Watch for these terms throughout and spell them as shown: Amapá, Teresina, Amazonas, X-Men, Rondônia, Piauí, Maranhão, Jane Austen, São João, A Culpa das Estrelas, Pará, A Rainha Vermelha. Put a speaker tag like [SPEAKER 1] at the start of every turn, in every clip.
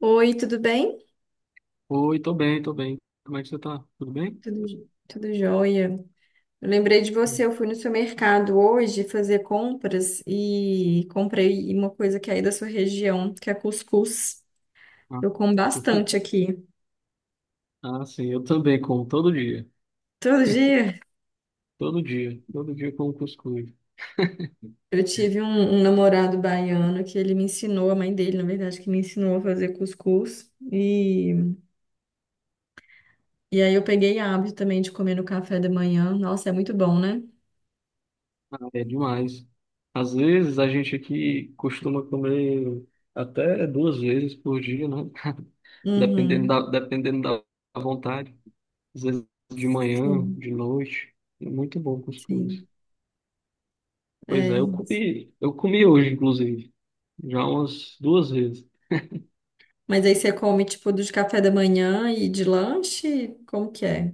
[SPEAKER 1] Oi, tudo bem?
[SPEAKER 2] Oi, tô bem, tô bem. Como é que você tá? Tudo bem?
[SPEAKER 1] Tudo, tudo jóia. Eu lembrei de você,
[SPEAKER 2] Hum.
[SPEAKER 1] eu fui no seu mercado hoje fazer compras e comprei uma coisa que é aí da sua região, que é cuscuz.
[SPEAKER 2] Ah,
[SPEAKER 1] Eu como bastante aqui.
[SPEAKER 2] Ah, sim, eu também como todo dia.
[SPEAKER 1] Todo dia
[SPEAKER 2] Todo dia. Todo dia como cuscuz.
[SPEAKER 1] eu tive um namorado baiano que ele me ensinou, a mãe dele, na verdade, que me ensinou a fazer cuscuz. E aí eu peguei hábito também de comer no café da manhã. Nossa, é muito bom, né?
[SPEAKER 2] Ah, é demais. Às vezes a gente aqui costuma comer até duas vezes por dia, né? Dependendo
[SPEAKER 1] Uhum.
[SPEAKER 2] da vontade. Às vezes de manhã,
[SPEAKER 1] Sim,
[SPEAKER 2] de noite. É muito bom cuscuz.
[SPEAKER 1] sim.
[SPEAKER 2] Pois é,
[SPEAKER 1] É.
[SPEAKER 2] eu comi hoje, inclusive. Já umas duas vezes.
[SPEAKER 1] Mas aí você come, tipo, do de café da manhã e de lanche? Como que é?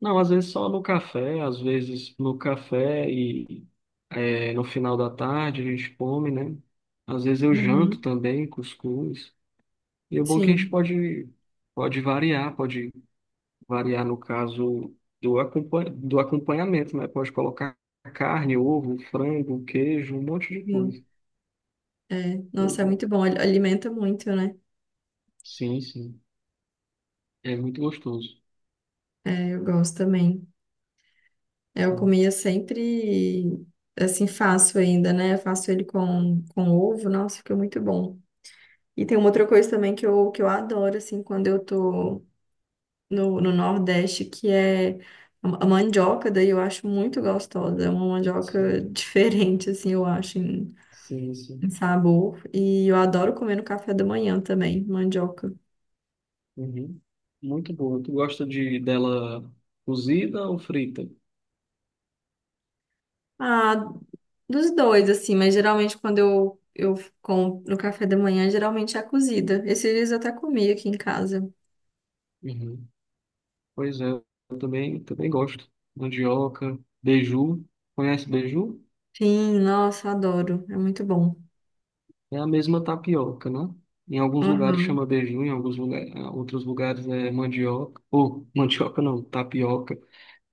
[SPEAKER 2] Não, às vezes só no café, às vezes no café e no final da tarde a gente come, né? Às vezes eu janto
[SPEAKER 1] Uhum.
[SPEAKER 2] também, cuscuz. E o bom é que a gente
[SPEAKER 1] Sim,
[SPEAKER 2] pode variar no caso do acompanhamento, né? Pode colocar carne, ovo, frango, queijo, um monte de
[SPEAKER 1] sim.
[SPEAKER 2] coisa.
[SPEAKER 1] Nossa,
[SPEAKER 2] Pois
[SPEAKER 1] é
[SPEAKER 2] é.
[SPEAKER 1] muito bom. Alimenta muito, né?
[SPEAKER 2] Sim, sim. É muito gostoso.
[SPEAKER 1] É, eu gosto também. É, eu
[SPEAKER 2] Sim,
[SPEAKER 1] comia sempre, assim, faço ainda, né? Faço ele com ovo. Nossa, fica muito bom. E tem uma outra coisa também que que eu adoro, assim, quando eu tô no Nordeste, que é a mandioca. Daí eu acho muito gostosa. É uma mandioca
[SPEAKER 2] sim,
[SPEAKER 1] diferente, assim, eu acho.
[SPEAKER 2] sim,
[SPEAKER 1] Um
[SPEAKER 2] sim.
[SPEAKER 1] sabor. E eu adoro comer no café da manhã também, mandioca.
[SPEAKER 2] Uhum. Muito boa. Tu gosta de dela cozida ou frita?
[SPEAKER 1] Ah, dos dois, assim, mas geralmente quando eu como no café da manhã, geralmente é cozida. Esses dias eu até comi aqui em casa.
[SPEAKER 2] Uhum. Pois é, também gosto. Mandioca, beiju. Conhece beiju?
[SPEAKER 1] Sim, nossa, adoro. É muito bom.
[SPEAKER 2] É a mesma tapioca, né? Em alguns lugares chama
[SPEAKER 1] Uhum.
[SPEAKER 2] beiju, outros lugares é mandioca. Ou, mandioca não, tapioca.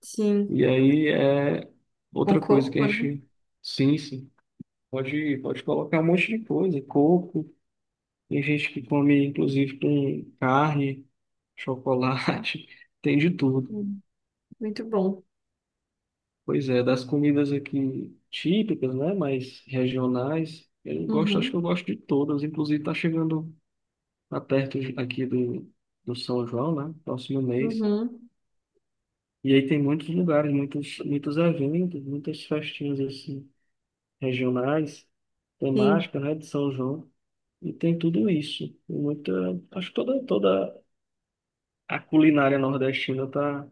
[SPEAKER 1] Sim,
[SPEAKER 2] E aí é
[SPEAKER 1] com
[SPEAKER 2] outra coisa que
[SPEAKER 1] coco,
[SPEAKER 2] a
[SPEAKER 1] né?
[SPEAKER 2] gente. Sim, sim. Pode colocar um monte de coisa. Coco. Tem gente que come, inclusive, com carne. Chocolate, tem de tudo.
[SPEAKER 1] Sim. Muito bom.
[SPEAKER 2] Pois é, das comidas aqui típicas, né, mas regionais, eu gosto, acho que eu
[SPEAKER 1] Uhum.
[SPEAKER 2] gosto de todas. Inclusive, tá chegando aqui do São João, né, próximo mês.
[SPEAKER 1] Uhum.
[SPEAKER 2] E aí tem muitos lugares, muitos eventos, muitas festinhas assim, regionais,
[SPEAKER 1] Sim.
[SPEAKER 2] temática, né, de São João. E tem tudo isso. E Muita, acho que toda a culinária nordestina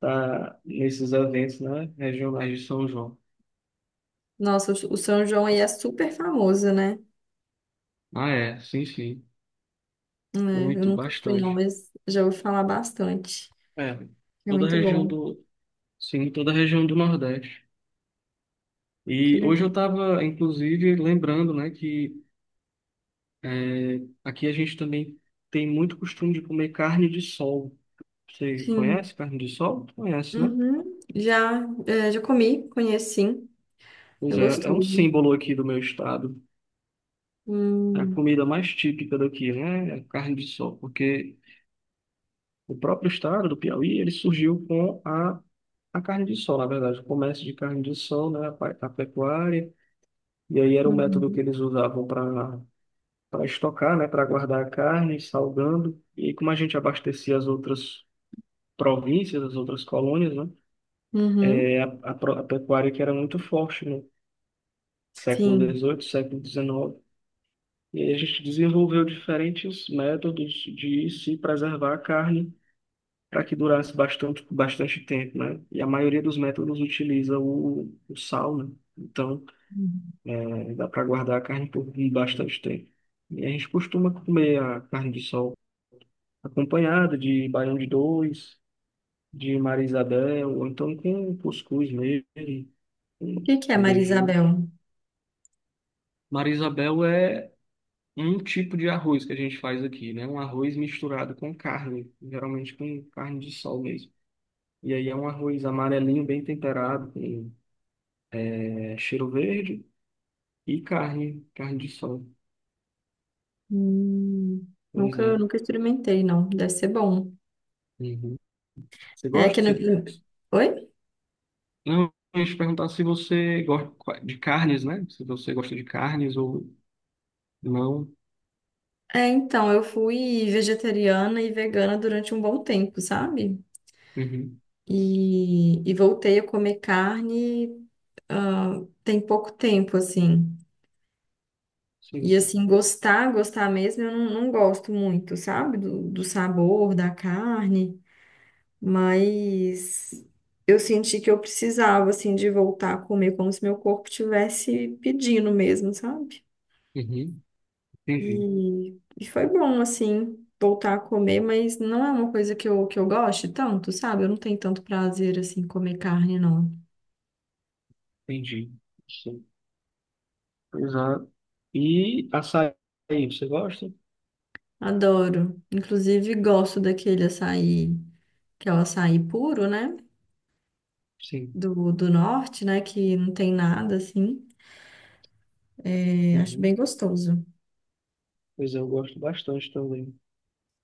[SPEAKER 2] tá nesses eventos, né, regionais de São João.
[SPEAKER 1] Nossa, o São João aí é super famoso, né?
[SPEAKER 2] Ah, é, sim, sim.
[SPEAKER 1] É, eu
[SPEAKER 2] Muito,
[SPEAKER 1] nunca fui, não,
[SPEAKER 2] bastante.
[SPEAKER 1] mas já ouvi falar bastante.
[SPEAKER 2] É,
[SPEAKER 1] É
[SPEAKER 2] toda a
[SPEAKER 1] muito
[SPEAKER 2] região
[SPEAKER 1] bom.
[SPEAKER 2] do, sim, toda a região do Nordeste.
[SPEAKER 1] Que
[SPEAKER 2] E hoje eu
[SPEAKER 1] legal.
[SPEAKER 2] estava, inclusive, lembrando, né, que é, aqui a gente também tem muito costume de comer carne de sol. Você
[SPEAKER 1] Sim.
[SPEAKER 2] conhece carne de sol? Conhece, né?
[SPEAKER 1] Uhum. Já, é, já comi, conheço sim. É
[SPEAKER 2] Pois é, é um
[SPEAKER 1] gostoso.
[SPEAKER 2] símbolo aqui do meu estado. É a
[SPEAKER 1] Hum.
[SPEAKER 2] comida mais típica daqui, né? É a carne de sol, porque o próprio estado do Piauí, ele surgiu com a carne de sol, na verdade, o comércio de carne de sol, né, a pecuária, e aí era um método que
[SPEAKER 1] Uhum.
[SPEAKER 2] eles usavam para estocar, né, para guardar a carne, salgando, e como a gente abastecia as outras províncias, as outras colônias, né,
[SPEAKER 1] Uhum.
[SPEAKER 2] é a pecuária que era muito forte no século
[SPEAKER 1] Sim.
[SPEAKER 2] XVIII, século XIX, e aí a gente desenvolveu diferentes métodos de se preservar a carne para que durasse bastante, bastante tempo, né? E a maioria dos métodos utiliza o sal, né? Então,
[SPEAKER 1] Uhum.
[SPEAKER 2] é, dá para guardar a carne por bastante tempo. E a gente costuma comer a carne de sol acompanhada de baião de dois, de Maria Isabel, ou então com cuscuz mesmo,
[SPEAKER 1] O que que é
[SPEAKER 2] com
[SPEAKER 1] Maria
[SPEAKER 2] beiju.
[SPEAKER 1] Isabel?
[SPEAKER 2] Maria Isabel é um tipo de arroz que a gente faz aqui, né? Um arroz misturado com carne, geralmente com carne de sol mesmo. E aí é um arroz amarelinho, bem temperado, com é cheiro verde e carne de sol.
[SPEAKER 1] Hum.
[SPEAKER 2] Pois é.
[SPEAKER 1] Nunca experimentei, não. Deve ser bom.
[SPEAKER 2] Uhum. Você
[SPEAKER 1] É que
[SPEAKER 2] gosta?
[SPEAKER 1] na...
[SPEAKER 2] Você...
[SPEAKER 1] Oi?
[SPEAKER 2] Não, eu ia te perguntar se você gosta de carnes, né? Se você gosta de carnes ou não.
[SPEAKER 1] É, então, eu fui vegetariana e vegana durante um bom tempo, sabe?
[SPEAKER 2] Uhum.
[SPEAKER 1] E voltei a comer carne, ah, tem pouco tempo, assim.
[SPEAKER 2] Sim,
[SPEAKER 1] E
[SPEAKER 2] sim.
[SPEAKER 1] assim, gostar mesmo, eu não gosto muito, sabe? Do sabor, da carne, mas eu senti que eu precisava, assim, de voltar a comer como se meu corpo tivesse pedindo mesmo, sabe?
[SPEAKER 2] Uhum. Entendi,
[SPEAKER 1] E foi bom, assim, voltar a comer, mas não é uma coisa que que eu goste tanto, sabe? Eu não tenho tanto prazer, assim, em comer carne, não.
[SPEAKER 2] entendi. Sim. Pois é. E açaí, você gosta?
[SPEAKER 1] Adoro. Inclusive, gosto daquele açaí, que é o açaí puro, né?
[SPEAKER 2] Sim.
[SPEAKER 1] Do norte, né? Que não tem nada assim. É, acho bem
[SPEAKER 2] Uhum.
[SPEAKER 1] gostoso.
[SPEAKER 2] Pois é, eu gosto bastante também.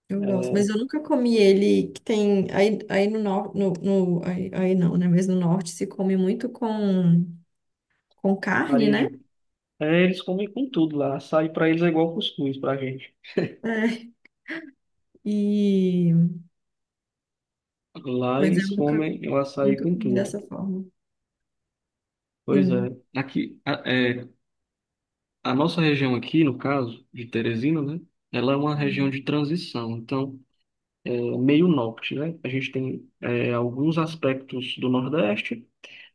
[SPEAKER 1] Eu gosto. Mas
[SPEAKER 2] É,
[SPEAKER 1] eu nunca comi ele que tem. Aí, aí no norte. No, aí, aí não, né? Mas no norte se come muito com carne,
[SPEAKER 2] farinha
[SPEAKER 1] né?
[SPEAKER 2] de... É, eles comem com tudo lá. Açaí para eles é igual cuscuz para gente.
[SPEAKER 1] É, e,
[SPEAKER 2] Lá
[SPEAKER 1] mas eu
[SPEAKER 2] eles comem o açaí
[SPEAKER 1] nunca
[SPEAKER 2] com
[SPEAKER 1] comi
[SPEAKER 2] tudo.
[SPEAKER 1] dessa forma.
[SPEAKER 2] Pois
[SPEAKER 1] Sim.
[SPEAKER 2] é. Aqui, a, é, a nossa região aqui, no caso de Teresina, né? Ela é uma região de transição, então é meio norte, né? A gente tem é, alguns aspectos do Nordeste,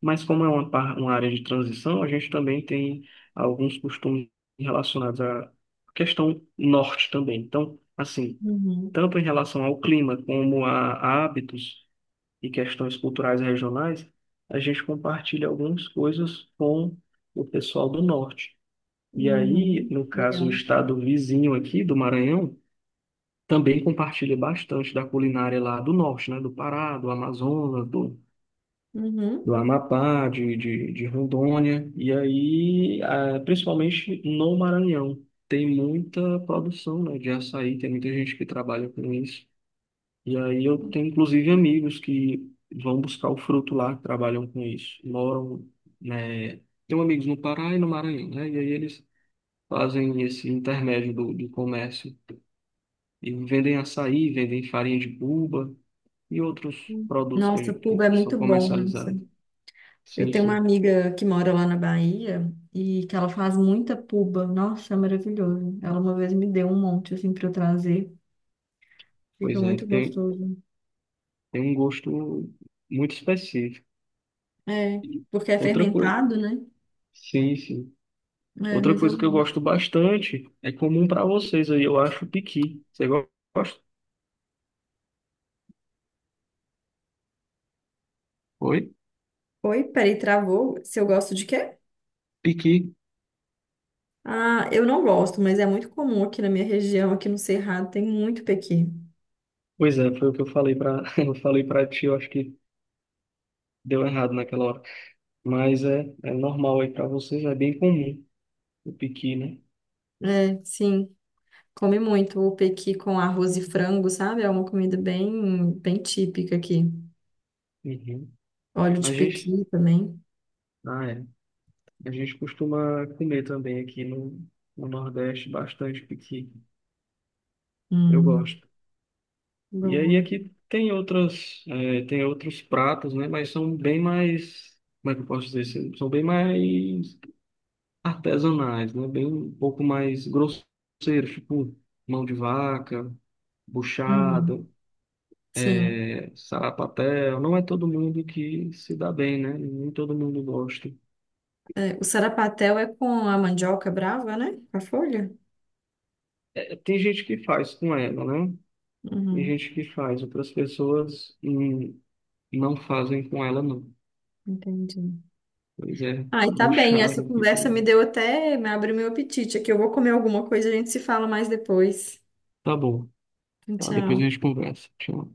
[SPEAKER 2] mas como é uma, uma área de transição, a gente também tem alguns costumes relacionados à questão norte também. Então, assim,
[SPEAKER 1] Uhum,
[SPEAKER 2] tanto em relação ao clima como a hábitos, e questões culturais regionais, a gente compartilha algumas coisas com o pessoal do norte. E aí,
[SPEAKER 1] uhum,
[SPEAKER 2] no caso, o
[SPEAKER 1] legal.
[SPEAKER 2] estado vizinho aqui do Maranhão também compartilha bastante da culinária lá do norte, né? Do Pará, do Amazonas, do
[SPEAKER 1] Uhum.
[SPEAKER 2] Amapá, de Rondônia. E aí, ah, principalmente no Maranhão, tem muita produção, né, de açaí, tem muita gente que trabalha com isso. E aí eu tenho inclusive amigos que vão buscar o fruto lá, que trabalham com isso, moram, né? Tenho amigos no Pará e no Maranhão, né? E aí eles fazem esse intermédio do comércio e vendem açaí, vendem farinha de buba e outros
[SPEAKER 1] Uhum.
[SPEAKER 2] produtos que, a
[SPEAKER 1] Nossa,
[SPEAKER 2] gente-
[SPEAKER 1] pulga é
[SPEAKER 2] que são
[SPEAKER 1] muito bom, nossa.
[SPEAKER 2] comercializados.
[SPEAKER 1] Eu
[SPEAKER 2] Sim,
[SPEAKER 1] tenho uma
[SPEAKER 2] sim.
[SPEAKER 1] amiga que mora lá na Bahia e que ela faz muita puba. Nossa, é maravilhoso. Ela uma vez me deu um monte assim para eu trazer. Fica
[SPEAKER 2] Pois é,
[SPEAKER 1] muito gostoso.
[SPEAKER 2] tem um gosto muito específico.
[SPEAKER 1] É,
[SPEAKER 2] E
[SPEAKER 1] porque é
[SPEAKER 2] outra coisa,
[SPEAKER 1] fermentado, né?
[SPEAKER 2] sim, sim.
[SPEAKER 1] É,
[SPEAKER 2] Outra
[SPEAKER 1] mas eu
[SPEAKER 2] coisa que eu
[SPEAKER 1] gosto.
[SPEAKER 2] gosto bastante é comum para vocês aí, eu acho, o piqui. Você gosta? Foi?
[SPEAKER 1] Oi, peraí, travou. Se eu gosto de quê?
[SPEAKER 2] Piqui.
[SPEAKER 1] Ah, eu não gosto, mas é muito comum aqui na minha região, aqui no Cerrado, tem muito pequi.
[SPEAKER 2] Pois é, foi o que eu falei para eu falei para ti, eu acho que deu errado naquela hora. Mas é, é normal aí para vocês, é bem comum o piqui, né?
[SPEAKER 1] É, sim. Come muito o pequi com arroz e frango, sabe? É uma comida bem, bem típica aqui.
[SPEAKER 2] Uhum.
[SPEAKER 1] Óleo
[SPEAKER 2] A
[SPEAKER 1] de
[SPEAKER 2] gente,
[SPEAKER 1] pequi também.
[SPEAKER 2] é. A gente costuma comer também aqui no, no Nordeste bastante piqui. Eu
[SPEAKER 1] Hum,
[SPEAKER 2] gosto. E aí
[SPEAKER 1] boa.
[SPEAKER 2] aqui tem outras, é, tem outros pratos, né? Mas são bem mais, como é que eu posso dizer? São bem mais artesanais, né? Bem um pouco mais grosseiros, tipo mão de vaca, buchada,
[SPEAKER 1] Uhum. Sim.
[SPEAKER 2] é, sarapatel. Não é todo mundo que se dá bem, né? Nem todo mundo gosta.
[SPEAKER 1] É, o sarapatel é com a mandioca brava, né? Com a folha?
[SPEAKER 2] É, tem gente que faz com ela, né? Tem
[SPEAKER 1] Uhum.
[SPEAKER 2] gente que faz, outras pessoas não fazem com ela, não.
[SPEAKER 1] Entendi.
[SPEAKER 2] Pois é,
[SPEAKER 1] Ai, tá bem.
[SPEAKER 2] buchada
[SPEAKER 1] Essa
[SPEAKER 2] aqui
[SPEAKER 1] conversa me
[SPEAKER 2] tem.
[SPEAKER 1] deu até, me abriu meu apetite aqui. Eu vou comer alguma coisa, a gente se fala mais depois.
[SPEAKER 2] Tá bom, tá, depois a
[SPEAKER 1] Tchau.
[SPEAKER 2] gente conversa. Tchau.